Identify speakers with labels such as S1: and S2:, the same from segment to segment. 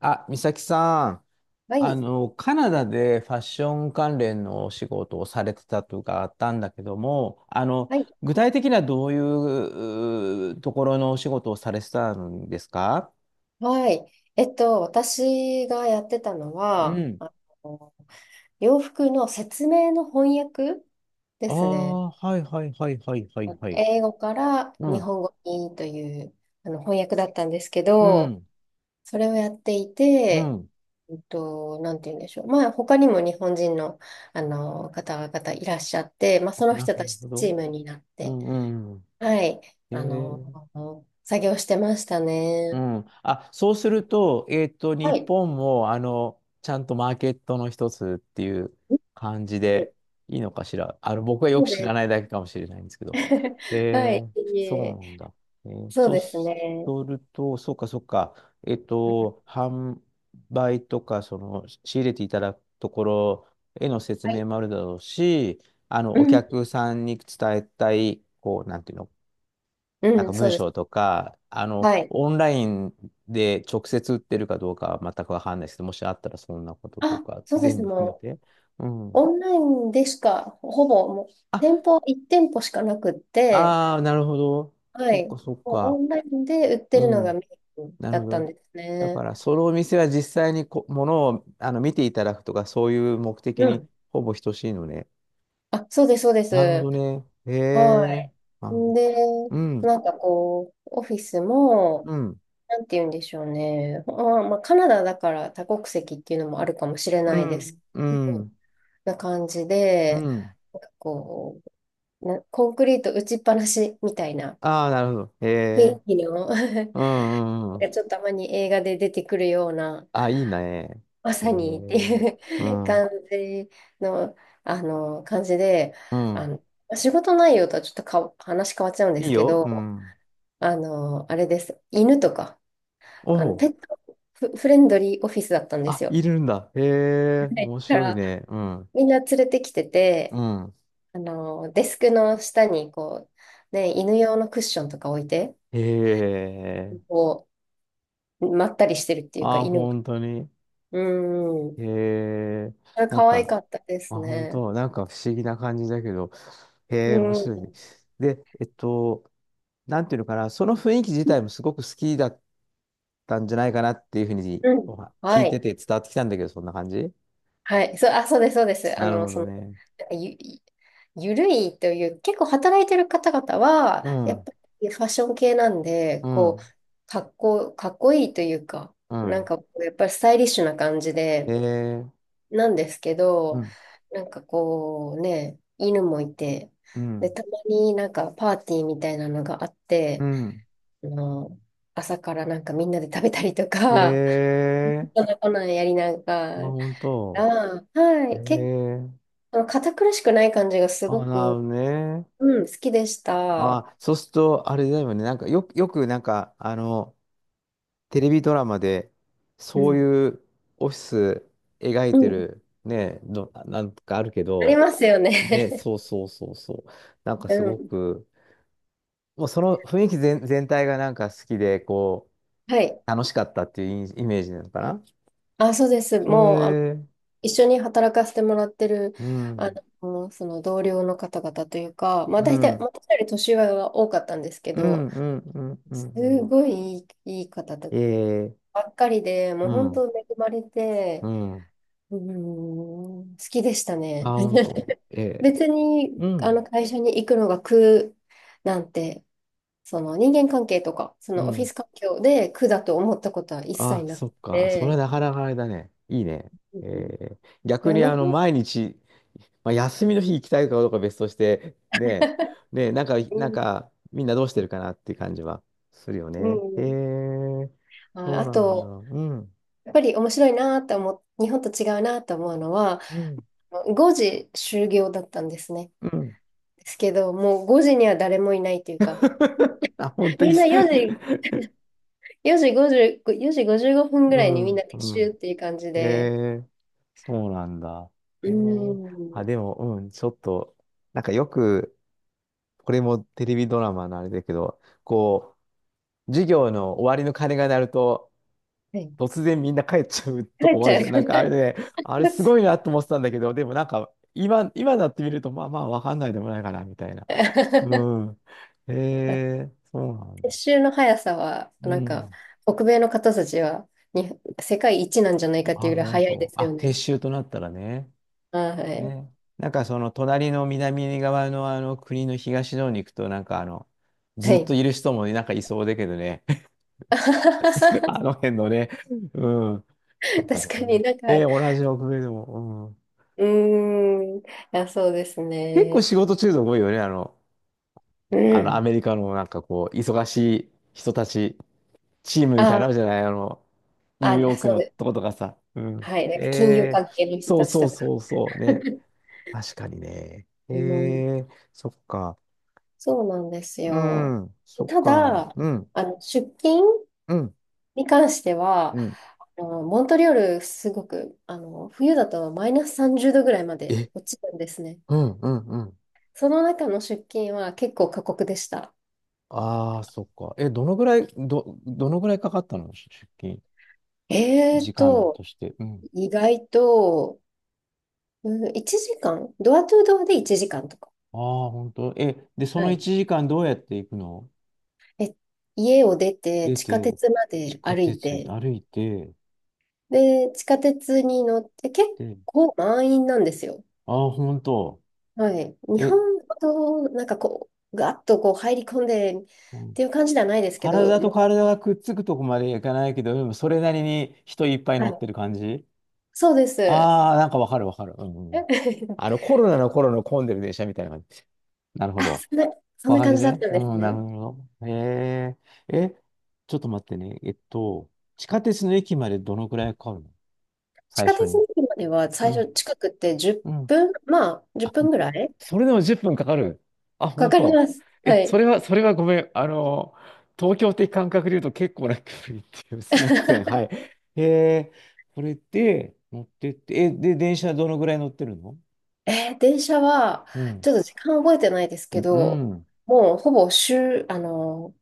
S1: あ、美咲さん、
S2: はい。
S1: カナダでファッション関連のお仕事をされてたとかあったんだけども、
S2: はい。
S1: 具体的にはどういうところのお仕事をされてたんですか？
S2: はい。私がやってたの
S1: う
S2: は、
S1: ん。
S2: の、洋服の説明の翻訳で
S1: あ
S2: すね。
S1: あ、はいはいはいはいは
S2: あ
S1: い
S2: の
S1: はい。
S2: 英語から
S1: う
S2: 日
S1: ん、
S2: 本語にという、翻訳だったんですけ
S1: う
S2: ど、
S1: ん、
S2: それをやってい
S1: う
S2: て、
S1: ん。
S2: なんて言うんでしょう。まあ、他にも日本人の、方々いらっしゃって、まあ、
S1: あ、
S2: その
S1: なる
S2: 人たち
S1: ほ
S2: とチー
S1: ど。
S2: ムになっ
S1: う
S2: て、
S1: んうん。
S2: はい。
S1: へ
S2: あ
S1: え。
S2: の、作業してました
S1: う
S2: ね。
S1: ん。あ、そうすると、日
S2: はい。
S1: 本も、ちゃんとマーケットの一つっていう感じ
S2: はい、
S1: でいいのかしら。あの、僕はよ
S2: そ
S1: く
S2: う
S1: 知
S2: で
S1: らな
S2: す。
S1: いだけかもしれないんですけど。
S2: は
S1: え
S2: い、
S1: ー、
S2: い
S1: そう
S2: え、
S1: なんだ。えー
S2: そう
S1: そう
S2: です
S1: す
S2: ね。
S1: ると、そうか、そうか。えっと、
S2: は
S1: 販売とか、その、仕入れていただくところへの説明
S2: い。
S1: もあるだろうし、あの、
S2: う
S1: お
S2: ん、
S1: 客さんに伝えたい、こう、なんていうの？なん
S2: う
S1: か
S2: ん、そ
S1: 文
S2: うです。
S1: 章とか、あの、
S2: はい。
S1: オンラインで直接売ってるかどうかは全くわかんないですけど、もしあったらそんなことと
S2: あ、
S1: か、
S2: そうで
S1: 全
S2: す。
S1: 部含め
S2: もう、
S1: て。うん。
S2: オンラインでしか、ほぼ、もう、
S1: あ、
S2: 店舗、1店舗しかなくって、
S1: ああ、なるほど。
S2: は
S1: そっ
S2: い。も
S1: か
S2: う、
S1: そっ
S2: オ
S1: か。
S2: ンラインで売って
S1: う
S2: るのがメ
S1: ん。
S2: イン
S1: な
S2: だ
S1: るほ
S2: ったん
S1: ど。
S2: です
S1: だか
S2: ね。
S1: ら、そのお店は実際にものを、あの、見ていただくとか、そういう目的
S2: う
S1: に
S2: ん。
S1: ほぼ等しいのね。
S2: あ、そうです、そうで
S1: なるほ
S2: す。
S1: どね。へ
S2: は
S1: え。
S2: い。
S1: なるほど。
S2: で、
S1: うん。
S2: なんかこう、オフィスも、
S1: うん。
S2: なんて言うんでしょうね。まあ、カナダだから多国籍っていうのもあるかもしれ
S1: う
S2: ないで
S1: ん。
S2: す
S1: う
S2: けど。
S1: ん。
S2: な感じ
S1: う
S2: で、
S1: ん。
S2: なんかこう、なコンクリート打ちっぱなしみたいな
S1: ああ、なるほど。へ
S2: 雰
S1: え。
S2: 囲気の なん
S1: うんうんうん。
S2: かちょっとたまに映画で出てくるような、
S1: あ、いいね。
S2: ま
S1: え
S2: さにって
S1: ー、
S2: い
S1: う
S2: う
S1: ん。
S2: 感じの、感じで、
S1: う
S2: あ
S1: ん。
S2: の、仕事内容とはちょっとか話変わっちゃうんで
S1: いい
S2: すけ
S1: よ。う
S2: ど、
S1: ん。
S2: あれです。犬とか、
S1: お
S2: ペ
S1: お。
S2: ットフ、フレンドリーオフィスだったんです
S1: あ、い
S2: よ。
S1: るんだ。へえ、
S2: はい、
S1: 面
S2: だか
S1: 白い
S2: ら、
S1: ね。うん。
S2: みんな連れてきてて、
S1: うん。
S2: デスクの下に、こう、ね、犬用のクッションとか置いて、
S1: へえ。
S2: こう、まったりしてるっていうか、
S1: あ、
S2: 犬が。
S1: 本当に。
S2: うん。
S1: へえ。
S2: あれ、
S1: なん
S2: 可愛
S1: か、
S2: かったで
S1: あ、
S2: す
S1: 本
S2: ね。
S1: 当、なんか不思議な感じだけど。
S2: う
S1: へえ、面白いね。
S2: ん。
S1: で、なんていうのかな、その雰囲気自体もすごく好きだったんじゃないかなっていうふうに
S2: うん。
S1: お聞
S2: は
S1: いて
S2: い。
S1: て伝わってきたんだけど、そんな感じ？
S2: はい。そう、あ、そうです、そうです。
S1: なるほどね。
S2: ゆ、ゆるいという、結構働いてる方々は、
S1: う
S2: やっ
S1: ん。
S2: ぱりファッション系なんで、
S1: う
S2: こう、
S1: ん。
S2: かっこいいというか、
S1: う
S2: なん
S1: ん。
S2: か、やっぱりスタイリッシュな感じで、
S1: ええ。
S2: なんですけ
S1: う
S2: ど、
S1: ん、
S2: なんかこうね、犬もいて、
S1: う
S2: で、
S1: ん、
S2: たまになんかパーティーみたいなのがあっ
S1: う
S2: て、
S1: ん。
S2: あの、朝からなんかみんなで食べたりとか、
S1: え え。
S2: こんなんやりな
S1: あ、
S2: が
S1: 本
S2: ら、
S1: 当。
S2: は
S1: え
S2: い、結
S1: え。
S2: 構堅苦しくない感じがす
S1: あ、
S2: ご
S1: なる
S2: く、
S1: ほどね。
S2: うん、好きでした。
S1: あ、そうすると、あれだよね。なんか、よく、なんか、テレビドラマで、
S2: う
S1: そう
S2: ん。
S1: いうオフィス描い
S2: う
S1: て
S2: ん。
S1: る、ね、なんかあるけ
S2: あり
S1: ど、
S2: ますよ
S1: ね、
S2: ね。
S1: そうそうそうそう。なんか
S2: う
S1: すご
S2: ん。
S1: く、もうその雰囲気全体がなんか好きで、こ
S2: はい。
S1: う、楽しかったっていうイイメージなのかな？
S2: あ、そうです。
S1: そ
S2: もう、
S1: れ。
S2: 一緒に働かせてもらってる、
S1: う
S2: あ
S1: ん、
S2: その同僚の方々というか、まあ
S1: う
S2: 大体、
S1: ん、
S2: 私より年上は多かったんですけ
S1: う
S2: ど、
S1: ん、うん、うん、う
S2: す
S1: ん。うん。
S2: ごいいい、いい方ば
S1: ええ、
S2: っかりで、もう
S1: う
S2: 本
S1: ん、
S2: 当恵まれ
S1: う
S2: て、
S1: ん。
S2: うーん、好きでした
S1: あ、
S2: ね。
S1: ほんと。ええ、
S2: 別に、
S1: うん、
S2: 会社に行くのが苦なんて、その人間関係とか、そ
S1: う
S2: のオフィ
S1: ん。
S2: ス環境で苦だと思ったことは一切
S1: あ、
S2: なく
S1: そっか。それ
S2: て、
S1: なかなかあれだね。いいね。
S2: う
S1: え
S2: ん、い
S1: え、逆
S2: や、
S1: に
S2: なん
S1: あ
S2: か、
S1: の、毎日、まあ、休みの日行きたいかどうかは別として、ねえ、ねえ、なんか、
S2: う
S1: なん
S2: ん、
S1: か、みんなどうしてるかなっていう感じはするよ
S2: う
S1: ね。え
S2: ん。
S1: え、
S2: あ、
S1: そう
S2: あ
S1: なんだ。
S2: と、
S1: うん、
S2: やっぱり面白いなと思う、日本と違うなと思うのは、
S1: うん、
S2: 5時終業だったんですね。
S1: うん。
S2: ですけど、もう5時には誰もいないというか、
S1: あ、ほんといい
S2: み
S1: っ
S2: んな
S1: す。
S2: 4時、4時50、4時55分ぐ
S1: う
S2: らいにみんな
S1: ん、
S2: 撤
S1: う
S2: 収っ
S1: ん。
S2: ていう感じ
S1: え
S2: で、
S1: え。そうなんだ。
S2: う
S1: え
S2: ー
S1: え。あ、
S2: ん、
S1: でも、うん、ちょっと、なんかよく、これもテレビドラマのあれだけど、こう、授業の終わりの鐘が鳴ると、
S2: はい、
S1: 突然みんな帰っちゃう
S2: 帰
S1: と
S2: っ
S1: こもあ
S2: ち
S1: る
S2: ゃう。
S1: じゃん。なんかあれね、あれすごいなと思ってたんだけど、でもなんか、今なってみると、まあまあ、わかんないでもないかな、みたいな。う ん。ええ。そうなん
S2: 撤
S1: だ。
S2: 収の速さは、
S1: う
S2: なんか、
S1: ん。
S2: 北米の方たちはに、世界一なんじゃないかってい
S1: あ、
S2: うぐらい
S1: 本
S2: 早いで
S1: 当。
S2: すよ
S1: あ、撤
S2: ね。
S1: 収となったらね。
S2: は
S1: ね、なんかその隣の南側のあの国の東の方に行くとなんかあの
S2: い。
S1: ず
S2: は
S1: っと
S2: い。
S1: いる人もなんかいそうだけどね。 あ の辺のね。うん。そうか、で
S2: 確
S1: も
S2: かに
S1: ね、
S2: なんか、
S1: で同じ北米でも、うん、
S2: うーん。あ、そうです
S1: 結構
S2: ね。
S1: 仕事中毒多いよね、あの
S2: う
S1: あのア
S2: ん。
S1: メリカのなんかこう忙しい人たちチームみたいなのある
S2: あ、
S1: じゃない、あのニュー
S2: あ、
S1: ヨーク
S2: そう
S1: の
S2: で
S1: と
S2: す。
S1: ことかさ、うん、
S2: はい。なんか金融関係の人
S1: そう
S2: たち
S1: そ
S2: と
S1: う
S2: か。
S1: そうそうね。 確かにね。え
S2: うん、
S1: ー、そっか。
S2: そうなんです
S1: う
S2: よ。
S1: ん、そっ
S2: た
S1: か。
S2: だ、
S1: うん、
S2: 出勤
S1: うん、
S2: に関しては、
S1: うん。
S2: モントリオール、すごく、冬だとマイナス30度ぐらいまで
S1: え、
S2: 落ちるんですね。
S1: うん、うん、うん。
S2: その中の出勤は結構過酷でした。
S1: ああ、そっか。え、どのぐらい、どのぐらいかかったのし出勤、
S2: えー
S1: 時間と
S2: と、
S1: して。うん。
S2: 意外と、うん、1時間、ドアトゥードアで1時間とか。
S1: ああ、本当。え、で、そ
S2: は
S1: の
S2: い。
S1: 1時間どうやって行くの？
S2: え、家を出て
S1: 出
S2: 地下
S1: て、
S2: 鉄ま
S1: 地
S2: で
S1: 下
S2: 歩い
S1: 鉄
S2: て、
S1: 歩いて、
S2: で、地下鉄に乗って結
S1: で、
S2: 構満員なんですよ。
S1: ああ、本当。
S2: はい。日本
S1: え、
S2: ほど、なんかこう、ガッとこう入り込んでっ
S1: うん、
S2: ていう感じではないですけど、
S1: 体と
S2: もう、
S1: 体がくっつくとこまで行かないけど、でもそれなりに人いっぱい
S2: は
S1: 乗っ
S2: い。
S1: てる感じ。
S2: そうです。え
S1: ああなんかわかるわかる。うん、うん。あの、コロナの頃の混んでる電車みたいな。なるほ
S2: あ、
S1: ど。
S2: そんな、そん
S1: こん
S2: な
S1: な感
S2: 感
S1: じ
S2: じだっ
S1: ね。
S2: たんです
S1: うん、な
S2: ね。
S1: るほど。へえ。え、ちょっと待ってね。えっと、地下鉄の駅までどのくらいかかるの？
S2: 地
S1: 最
S2: 下
S1: 初
S2: 鉄
S1: に。
S2: の駅までは
S1: う
S2: 最
S1: ん、
S2: 初近くって10
S1: うん。
S2: 分、まあ、10
S1: あ、
S2: 分ぐらい
S1: それでも10分かかる。あ、
S2: か
S1: 本
S2: かり
S1: 当。
S2: ます。は
S1: え、そ
S2: い。
S1: れは、それはごめん。あの、東京的感覚で言うと結構な距離っていう。すいません。はい。へえ。これで乗ってって、え、で、電車どのくらい乗ってるの？
S2: えー、電車は、
S1: うん。
S2: ちょっと時間覚えてないです
S1: う
S2: けど、
S1: ん。
S2: もうほぼ終、あの、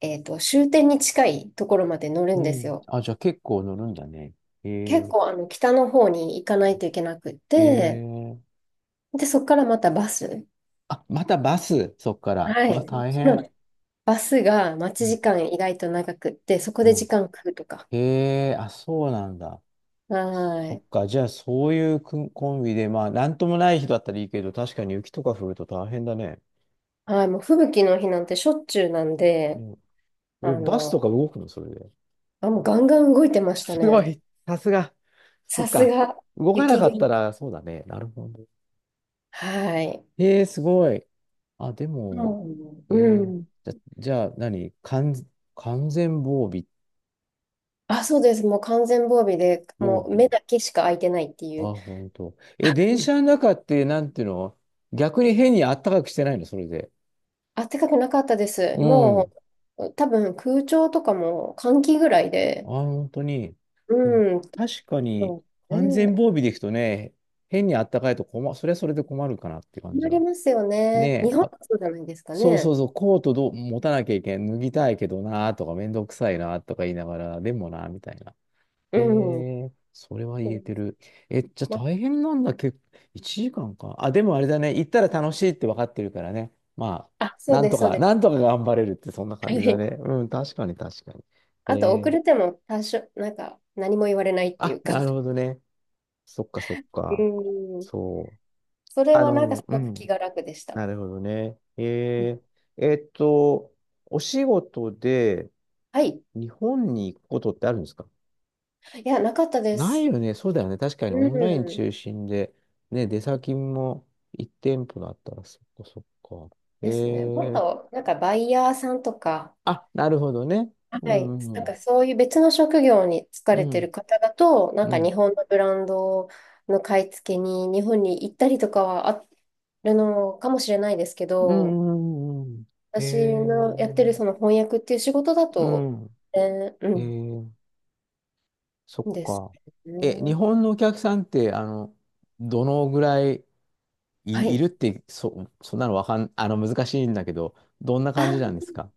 S2: えっと、終点に近いところまで乗る
S1: う
S2: んです
S1: ん。
S2: よ。
S1: あ、じゃあ結構乗るんだね。へ
S2: 結
S1: え
S2: 構、北の方に行かないといけなくっ
S1: ー。へえ
S2: て、
S1: ー。
S2: で、そこからまたバス。
S1: あ、またバス、そっから。
S2: は
S1: うわ、
S2: い。
S1: 大
S2: そ
S1: 変。
S2: のバスが待
S1: う
S2: ち
S1: ん。
S2: 時間意外と長くって、そこ
S1: う
S2: で時
S1: ん。
S2: 間食うとか。
S1: へえ、あ、そうなんだ。
S2: は
S1: そっ
S2: い。
S1: か、じゃあ、そういうくんコンビで、まあ、なんともない日だったらいいけど、確かに雪とか降ると大変だね。
S2: はい、もう吹雪の日なんてしょっちゅうなん
S1: う
S2: で、
S1: ん。
S2: あ
S1: え、バス
S2: の、
S1: とか動くのそれで。
S2: あ、もうガンガン動いてました
S1: すご
S2: ね。
S1: い、さすが。そっ
S2: さす
S1: か、
S2: が、
S1: 動かな
S2: 雪
S1: かった
S2: 国。
S1: ら、そうだね。なるほど。
S2: はい。
S1: へえ、すごい。あ、で
S2: う
S1: も、
S2: ん
S1: え
S2: う
S1: ー、
S2: ん。
S1: じゃ、じゃあ何、完全防備、
S2: あ、そうです。もう完全防備で、
S1: 防
S2: もう目
S1: 備。
S2: だけしか開いてないって
S1: あ、
S2: いう。
S1: 本当。え、電車の 中って、なんていうの？逆に変にあったかくしてないのそれで。
S2: あったかくなかったです。
S1: う
S2: も
S1: ん。
S2: う、多分空調とかも換気ぐらい
S1: あ、
S2: で。
S1: 本当に。でも、
S2: うん。
S1: 確かに、
S2: そう
S1: 完全
S2: ね。
S1: 防備でいくとね、変にあったかいと困、それはそれで困るかなって感じ
S2: 困り
S1: は。
S2: ますよね。
S1: ね
S2: 日
S1: え、
S2: 本は
S1: あ、
S2: そうじゃないですか
S1: そうそ
S2: ね。
S1: うそう、コートどう持たなきゃいけん、脱ぎたいけどな、とか、めんどくさいな、とか言いながら、でもな、みたいな。
S2: う
S1: え
S2: ん。うん、
S1: え。それは言えてる。え、じゃあ
S2: ま、
S1: 大変なんだけど、1時間かんか。あ、でもあれだね。行ったら楽しいって分かってるからね。まあ、
S2: あ、そう
S1: なん
S2: で
S1: と
S2: す、そう
S1: か、
S2: で
S1: なん
S2: す。
S1: とか頑張れるってそんな
S2: は
S1: 感じだ
S2: い、
S1: ね。うん、確かに確かに。え
S2: あと、遅れて
S1: え。
S2: も多少、なんか、何も言われないってい
S1: あ、
S2: うか。
S1: なるほどね。そっかそっか。
S2: うん。
S1: そう。
S2: それ
S1: あ
S2: はなんか
S1: の、
S2: す
S1: う
S2: ごく
S1: ん。
S2: 気が楽でした。
S1: なるほどね。ええ。えっと、お仕事で
S2: はい。
S1: 日本に行くことってあるんですか？
S2: いや、なかったで
S1: ない
S2: す。
S1: よね。そうだよね。確かにオンライン
S2: うん。
S1: 中心で、ね、出先も1店舗だったら、そっかそっか。え
S2: ですね。もっ
S1: ー、
S2: と、なんかバイヤーさんとか、
S1: あ、なるほどね。
S2: は
S1: う
S2: い、
S1: ん
S2: な
S1: う
S2: んか
S1: ん
S2: そういう別の職業に疲
S1: う
S2: れてる
S1: ん。
S2: 方だと、なん
S1: う
S2: か
S1: ん。
S2: 日本のブランドの買い付けに日本に行ったりとかはあるのかもしれないですけ
S1: う
S2: ど、
S1: んうんうんうん。
S2: 私
S1: え
S2: のやってるそ
S1: ー、
S2: の翻訳っていう仕事だ
S1: う
S2: と、
S1: ん。
S2: え
S1: え
S2: ー、
S1: ー、そっ
S2: うん、です
S1: か。え、日
S2: ね。
S1: 本のお客さんって、あの、どのぐらい
S2: は
S1: いる
S2: い。
S1: って、そんなのわかん、あの、難しいんだけど、どんな感じな
S2: あ
S1: んですか？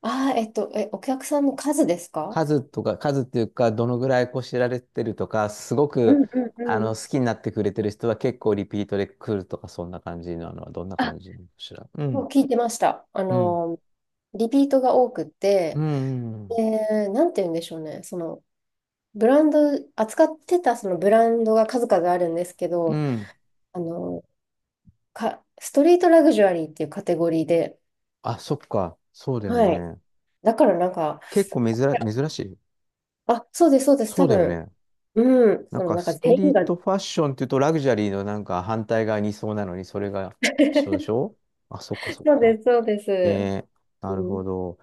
S2: あー、え、お客さんの数ですか？
S1: 数とか、数っていうか、どのぐらいこう知られてるとか、すご
S2: うん
S1: く、
S2: うんう
S1: あの、
S2: ん。
S1: 好きになってくれてる人は結構リピートで来るとか、そんな感じなのは、どんな
S2: あ、
S1: 感じなのかしら。う
S2: も
S1: ん、
S2: う聞いてました。
S1: うん、
S2: リピートが多くっ
S1: う
S2: て、
S1: ん、うん。
S2: で、なんて言うんでしょうね。その、ブランド、扱ってたそのブランドが数々あるんですけ
S1: う
S2: ど、
S1: ん。
S2: あの、ストリートラグジュアリーっていうカテゴリーで、
S1: あ、そっか。そうだよ
S2: はい。
S1: ね。
S2: だからなんか、
S1: 結構珍、珍しい。
S2: あ、そうです、そうです、
S1: そ
S2: 多
S1: うだよ
S2: 分、
S1: ね。
S2: うん、
S1: なん
S2: その
S1: か、
S2: なんか
S1: スト
S2: 全
S1: リ
S2: 員
S1: ー
S2: が、
S1: トファッションっていうと、ラグジュアリーのなんか反対側にいそうなのに、それが一緒でし ょ？あ、そっか、そっ
S2: そう
S1: か。
S2: です、そうです。
S1: ね、な
S2: う
S1: るほ
S2: ん、
S1: ど。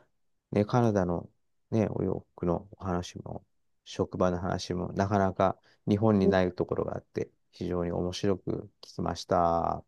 S1: ね、カナダのね、お洋服のお話も、職場の話も、なかなか日本に
S2: う
S1: ないところがあって、非常に面白く聞きました。